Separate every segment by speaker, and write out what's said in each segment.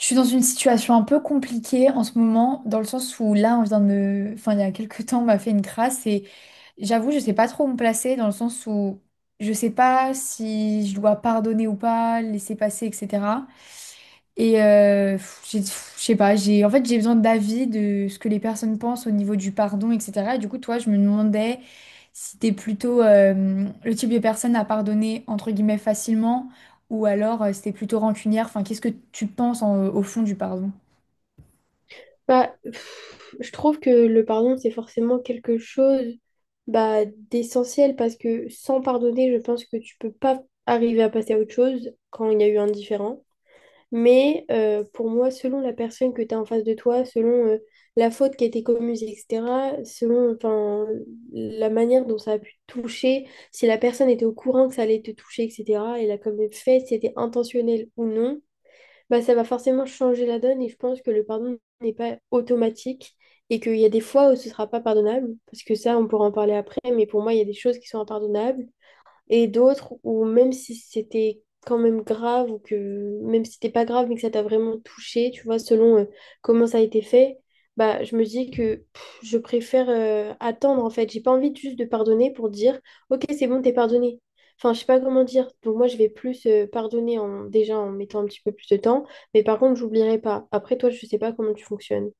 Speaker 1: Je suis dans une situation un peu compliquée en ce moment, dans le sens où là, on vient de... Enfin, il y a quelques temps, on m'a fait une crasse et j'avoue, je sais pas trop où me placer, dans le sens où je sais pas si je dois pardonner ou pas, laisser passer, etc. Je sais pas, j'ai en fait j'ai besoin d'avis de ce que les personnes pensent au niveau du pardon, etc. Et du coup, toi, je me demandais si t'es plutôt le type de personne à pardonner entre guillemets facilement ou alors si t'es plutôt rancunière. Enfin, qu'est-ce que tu penses au fond du pardon?
Speaker 2: Bah, pff, je trouve que le pardon, c'est forcément quelque chose bah, d'essentiel parce que sans pardonner, je pense que tu peux pas arriver à passer à autre chose quand il y a eu un différend. Mais pour moi, selon la personne que tu as en face de toi, selon la faute qui a été commise, etc., selon enfin, la manière dont ça a pu te toucher, si la personne était au courant que ça allait te toucher, etc., et l'a quand même fait, si c'était intentionnel ou non, bah, ça va forcément changer la donne et je pense que le pardon n'est pas automatique et qu'il y a des fois où ce sera pas pardonnable, parce que ça, on pourra en parler après, mais pour moi, il y a des choses qui sont impardonnables et d'autres où même si c'était quand même grave ou que même si c'était pas grave mais que ça t'a vraiment touché, tu vois, selon comment ça a été fait, bah je me dis que pff, je préfère attendre en fait. J'ai pas envie juste de pardonner pour dire OK, c'est bon, t'es pardonné. Enfin, je sais pas comment dire. Donc moi je vais plus pardonner en déjà en mettant un petit peu plus de temps, mais par contre, j'oublierai pas. Après toi, je sais pas comment tu fonctionnes.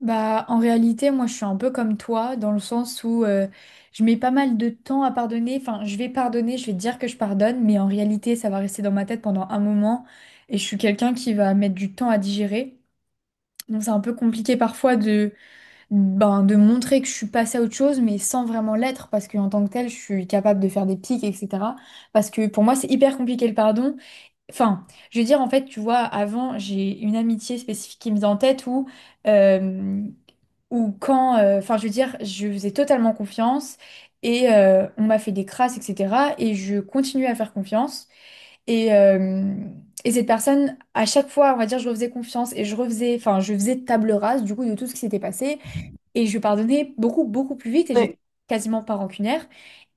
Speaker 1: Bah, en réalité, moi, je suis un peu comme toi dans le sens où je mets pas mal de temps à pardonner. Enfin, je vais pardonner, je vais dire que je pardonne, mais en réalité, ça va rester dans ma tête pendant un moment et je suis quelqu'un qui va mettre du temps à digérer. Donc c'est un peu compliqué parfois de, ben, de montrer que je suis passée à autre chose, mais sans vraiment l'être, parce qu'en tant que telle, je suis capable de faire des pics, etc. Parce que pour moi, c'est hyper compliqué le pardon. Enfin, je veux dire, en fait, tu vois, avant, j'ai une amitié spécifique qui me vient en tête euh, où quand, enfin, je veux dire, je faisais totalement confiance et on m'a fait des crasses, etc. Et je continue à faire confiance. Et, euh, et cette personne, à chaque fois, on va dire, je refaisais confiance et je refaisais, enfin, je faisais table rase du coup de tout ce qui s'était passé et je pardonnais beaucoup, beaucoup plus vite et j'étais
Speaker 2: Ouais.
Speaker 1: quasiment pas rancunière.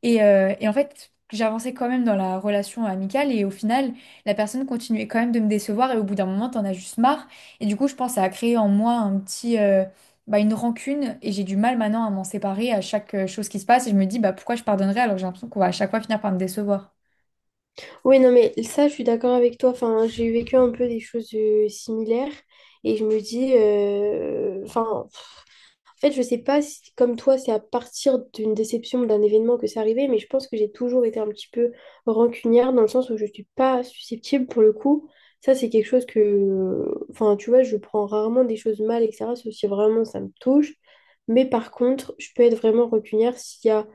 Speaker 1: Et en fait, j'avançais quand même dans la relation amicale et au final, la personne continuait quand même de me décevoir et au bout d'un moment, t'en as juste marre. Et du coup, je pense à créer en moi un petit, bah, une rancune et j'ai du mal maintenant à m'en séparer à chaque chose qui se passe et je me dis, bah, pourquoi je pardonnerais alors que j'ai l'impression qu'on va à chaque fois finir par me décevoir.
Speaker 2: Oui, non, mais ça, je suis d'accord avec toi. Enfin, j'ai vécu un peu des choses similaires et je me dis, enfin, pff, en fait, je sais pas si, comme toi, c'est à partir d'une déception, d'un événement que c'est arrivé, mais je pense que j'ai toujours été un petit peu rancunière dans le sens où je suis pas susceptible pour le coup. Ça, c'est quelque chose que, enfin, tu vois, je prends rarement des choses mal, etc., sauf si vraiment ça me touche. Mais par contre, je peux être vraiment rancunière s'il y a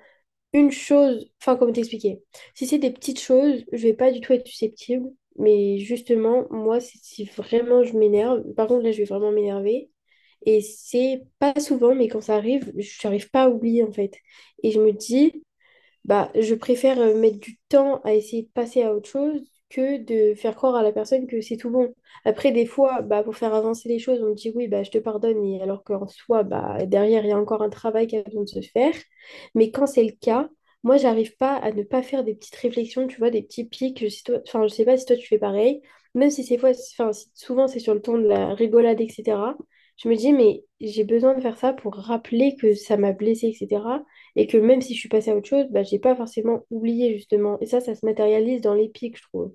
Speaker 2: une chose, enfin, comment t'expliquer? Si c'est des petites choses, je vais pas du tout être susceptible. Mais justement, moi, si vraiment je m'énerve, par contre, là, je vais vraiment m'énerver. Et c'est pas souvent, mais quand ça arrive, j'arrive pas à oublier, en fait. Et je me dis, bah, je préfère mettre du temps à essayer de passer à autre chose que de faire croire à la personne que c'est tout bon. Après, des fois, bah, pour faire avancer les choses, on me dit oui, bah, je te pardonne, et alors qu'en soi, bah, derrière, il y a encore un travail qui a besoin de se faire. Mais quand c'est le cas, moi, j'arrive pas à ne pas faire des petites réflexions, tu vois, des petits pics. Je sais, enfin, je sais pas si toi, tu fais pareil. Même si ces fois, enfin, souvent, c'est sur le ton de la rigolade, etc. Je me dis, mais j'ai besoin de faire ça pour rappeler que ça m'a blessée, etc. Et que même si je suis passée à autre chose, bah, j'ai pas forcément oublié justement. Et ça se matérialise dans les pics je trouve.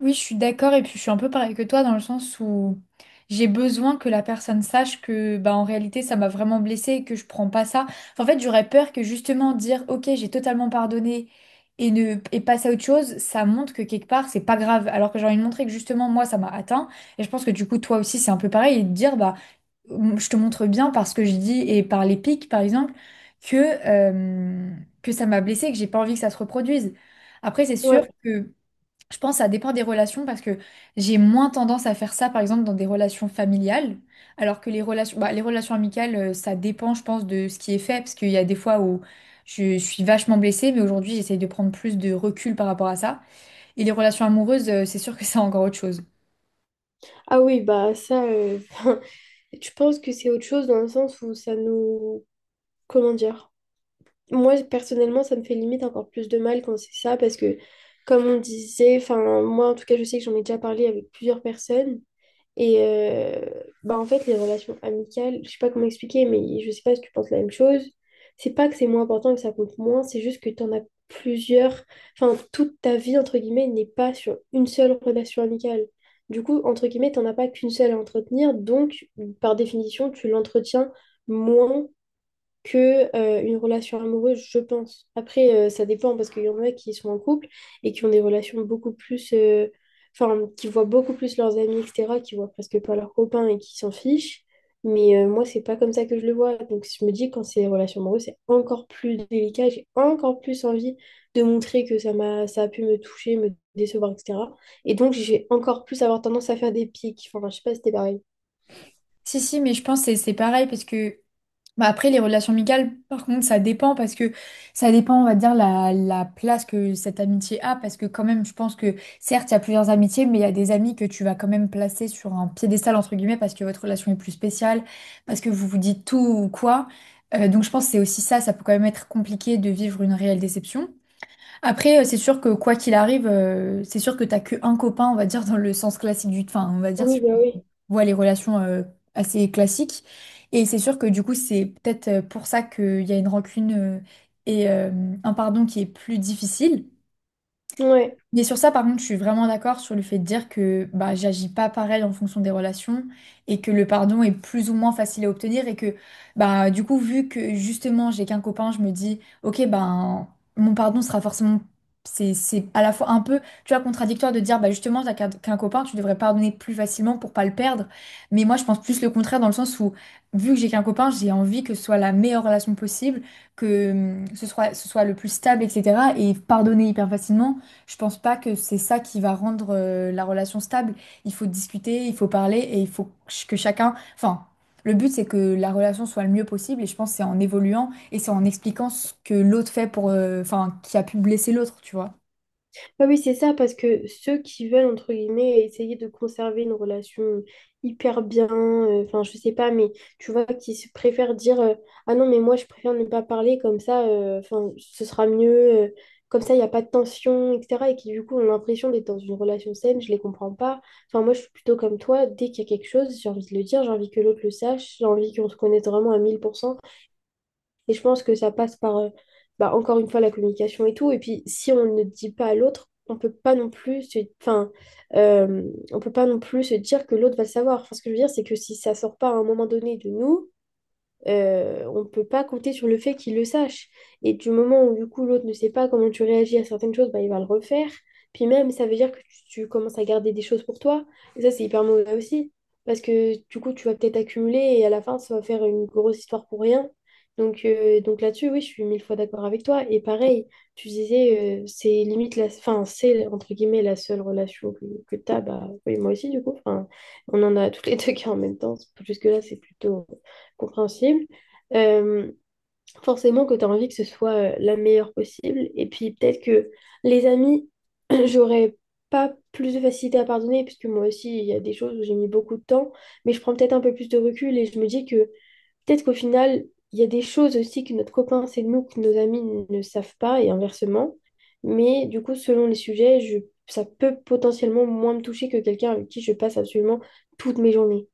Speaker 1: Oui, je suis d'accord et puis je suis un peu pareil que toi dans le sens où j'ai besoin que la personne sache que bah en réalité ça m'a vraiment blessée et que je prends pas ça. Enfin, en fait, j'aurais peur que justement dire OK, j'ai totalement pardonné et ne et passer à autre chose, ça montre que quelque part c'est pas grave alors que j'ai envie de montrer que justement moi ça m'a atteint et je pense que du coup toi aussi c'est un peu pareil et de dire bah je te montre bien parce que je dis et par les pics par exemple que euh, que ça m'a blessée et que j'ai pas envie que ça se reproduise. Après, c'est sûr
Speaker 2: Ouais.
Speaker 1: que je pense que ça dépend des relations parce que j'ai moins tendance à faire ça, par exemple, dans des relations familiales, alors que les relations, bah, les relations amicales, ça dépend, je pense, de ce qui est fait, parce qu'il y a des fois où je suis vachement blessée, mais aujourd'hui, j'essaye de prendre plus de recul par rapport à ça. Et les relations amoureuses, c'est sûr que c'est encore autre chose.
Speaker 2: Ah oui, bah ça, je pense que c'est autre chose dans le sens où ça nous... Comment dire? Moi, personnellement, ça me fait limite encore plus de mal quand c'est ça parce que, comme on disait, enfin, moi, en tout cas, je sais que j'en ai déjà parlé avec plusieurs personnes. Et bah en fait, les relations amicales, je sais pas comment expliquer, mais je sais pas si tu penses la même chose. C'est pas que c'est moins important et que ça compte moins, c'est juste que tu en as plusieurs. Enfin, toute ta vie, entre guillemets, n'est pas sur une seule relation amicale. Du coup, entre guillemets, t'en as pas qu'une seule à entretenir, donc par définition, tu l'entretiens moins que une relation amoureuse, je pense. Après, ça dépend parce qu'il y en a qui sont en couple et qui ont des relations beaucoup plus, enfin, qui voient beaucoup plus leurs amis, etc., qui voient presque pas leurs copains et qui s'en fichent. Mais moi, c'est pas comme ça que je le vois. Donc, je me dis, quand c'est des relations amoureuses, c'est encore plus délicat. J'ai encore plus envie de montrer que ça m'a, ça a pu me toucher, me décevoir, etc. Et donc, j'ai encore plus avoir tendance à faire des pics. Enfin, je sais pas si c'était pareil.
Speaker 1: Si, si, mais je pense que c'est pareil parce que bah après, les relations amicales, par contre, ça dépend parce que ça dépend, on va dire, la place que cette amitié a. Parce que quand même, je pense que certes, il y a plusieurs amitiés, mais il y a des amis que tu vas quand même placer sur un piédestal, entre guillemets, parce que votre relation est plus spéciale, parce que vous vous dites tout ou quoi. Donc je pense que c'est aussi ça, ça peut quand même être compliqué de vivre une réelle déception. Après, c'est sûr que quoi qu'il arrive, c'est sûr que t'as que un copain, on va dire, dans le sens classique du... Enfin, on va dire,
Speaker 2: Oui, bah oui.
Speaker 1: voit les relations assez classiques. Et c'est sûr que du coup, c'est peut-être pour ça qu'il y a une rancune et un pardon qui est plus difficile.
Speaker 2: Ouais.
Speaker 1: Et sur ça, par contre, je suis vraiment d'accord sur le fait de dire que bah, j'agis pas pareil en fonction des relations et que le pardon est plus ou moins facile à obtenir et que bah, du coup, vu que justement j'ai qu'un copain, je me dis, ok, ben mon pardon sera forcément. C'est à la fois un peu, tu vois, contradictoire de dire, bah justement, t'as qu'un copain, tu devrais pardonner plus facilement pour pas le perdre. Mais moi, je pense plus le contraire dans le sens où, vu que j'ai qu'un copain, j'ai envie que ce soit la meilleure relation possible, que ce soit le plus stable, etc. Et pardonner hyper facilement. Je pense pas que c'est ça qui va rendre la relation stable. Il faut discuter, il faut parler et il faut que chacun... Enfin, le but c'est que la relation soit le mieux possible et je pense que c'est en évoluant et c'est en expliquant ce que l'autre fait Enfin, qui a pu blesser l'autre, tu vois.
Speaker 2: Ah oui, c'est ça, parce que ceux qui veulent, entre guillemets, essayer de conserver une relation hyper bien, enfin, je sais pas, mais tu vois, qui se préfèrent dire Ah non, mais moi, je préfère ne pas parler, comme ça, enfin, ce sera mieux, comme ça, il n'y a pas de tension, etc. Et qui, du coup, ont l'impression d'être dans une relation saine, je les comprends pas. Enfin, moi, je suis plutôt comme toi, dès qu'il y a quelque chose, j'ai envie de le dire, j'ai envie que l'autre le sache, j'ai envie qu'on se connaisse vraiment à 1000% et je pense que ça passe par, bah, encore une fois, la communication et tout. Et puis, si on ne dit pas à l'autre, on peut pas non plus se... enfin, euh, on peut pas non plus se dire que l'autre va le savoir. Enfin, ce que je veux dire, c'est que si ça sort pas à un moment donné de nous, on ne peut pas compter sur le fait qu'il le sache. Et du moment où, du coup, l'autre ne sait pas comment tu réagis à certaines choses, bah, il va le refaire. Puis même, ça veut dire que tu commences à garder des choses pour toi. Et ça, c'est hyper mauvais aussi. Parce que, du coup, tu vas peut-être accumuler et à la fin, ça va faire une grosse histoire pour rien. Donc là-dessus, oui, je suis 1000 fois d'accord avec toi. Et pareil, tu disais, c'est limite la... Enfin, c'est, entre guillemets, la seule relation que tu as. Bah, oui, moi aussi, du coup. Enfin, on en a tous les deux qui en même temps. Jusque-là, c'est plutôt compréhensible. Euh, forcément que tu as envie que ce soit la meilleure possible. Et puis peut-être que les amis, j'aurais pas plus de facilité à pardonner, puisque moi aussi, il y a des choses où j'ai mis beaucoup de temps, mais je prends peut-être un peu plus de recul et je me dis que peut-être qu'au final, il y a des choses aussi que notre copain sait de nous, que nos amis ne savent pas, et inversement. Mais du coup, selon les sujets, ça peut potentiellement moins me toucher que quelqu'un avec qui je passe absolument toutes mes journées.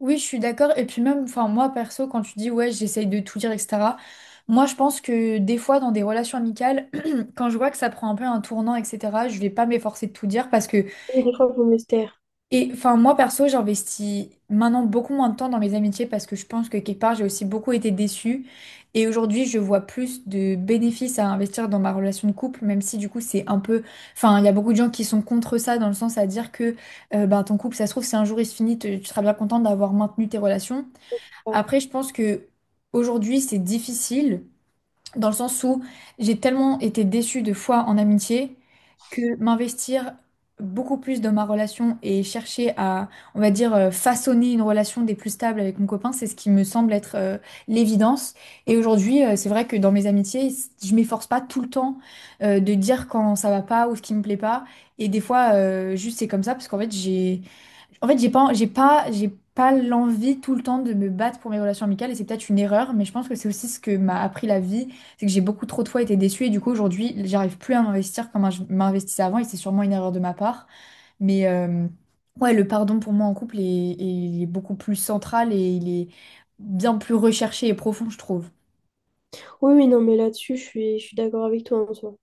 Speaker 1: Oui, je suis d'accord. Et puis même, enfin, moi perso, quand tu dis ouais, j'essaye de tout dire, etc. Moi, je pense que des fois, dans des relations amicales, quand je vois que ça prend un peu un tournant, etc., je vais pas m'efforcer de tout dire parce que
Speaker 2: Mais des fois, il faut me se taire.
Speaker 1: et enfin, moi perso, j'investis maintenant beaucoup moins de temps dans mes amitiés parce que je pense que quelque part, j'ai aussi beaucoup été déçue. Et aujourd'hui, je vois plus de bénéfices à investir dans ma relation de couple, même si du coup, c'est un peu. Enfin, il y a beaucoup de gens qui sont contre ça, dans le sens à dire que ben, ton couple, ça se trouve, si un jour il se finit, tu seras bien contente d'avoir maintenu tes relations. Après, je pense que aujourd'hui, c'est difficile dans le sens où j'ai tellement été déçue de fois en amitié que m'investir beaucoup plus dans ma relation et chercher à, on va dire, façonner une relation des plus stables avec mon copain, c'est ce qui me semble être l'évidence. Et aujourd'hui, c'est vrai que dans mes amitiés, je m'efforce pas tout le temps de dire quand ça va pas ou ce qui me plaît pas. Et des fois, juste c'est comme ça parce qu'en fait, j'ai pas l'envie tout le temps de me battre pour mes relations amicales et c'est peut-être une erreur, mais je pense que c'est aussi ce que m'a appris la vie, c'est que j'ai beaucoup trop de fois été déçue et du coup aujourd'hui, j'arrive plus à m'investir comme je m'investissais avant et c'est sûrement une erreur de ma part. Mais ouais, le pardon pour moi en couple il est beaucoup plus central et il est bien plus recherché et profond, je trouve.
Speaker 2: Oui, oui, non, mais là-dessus, je suis d'accord avec toi en soi.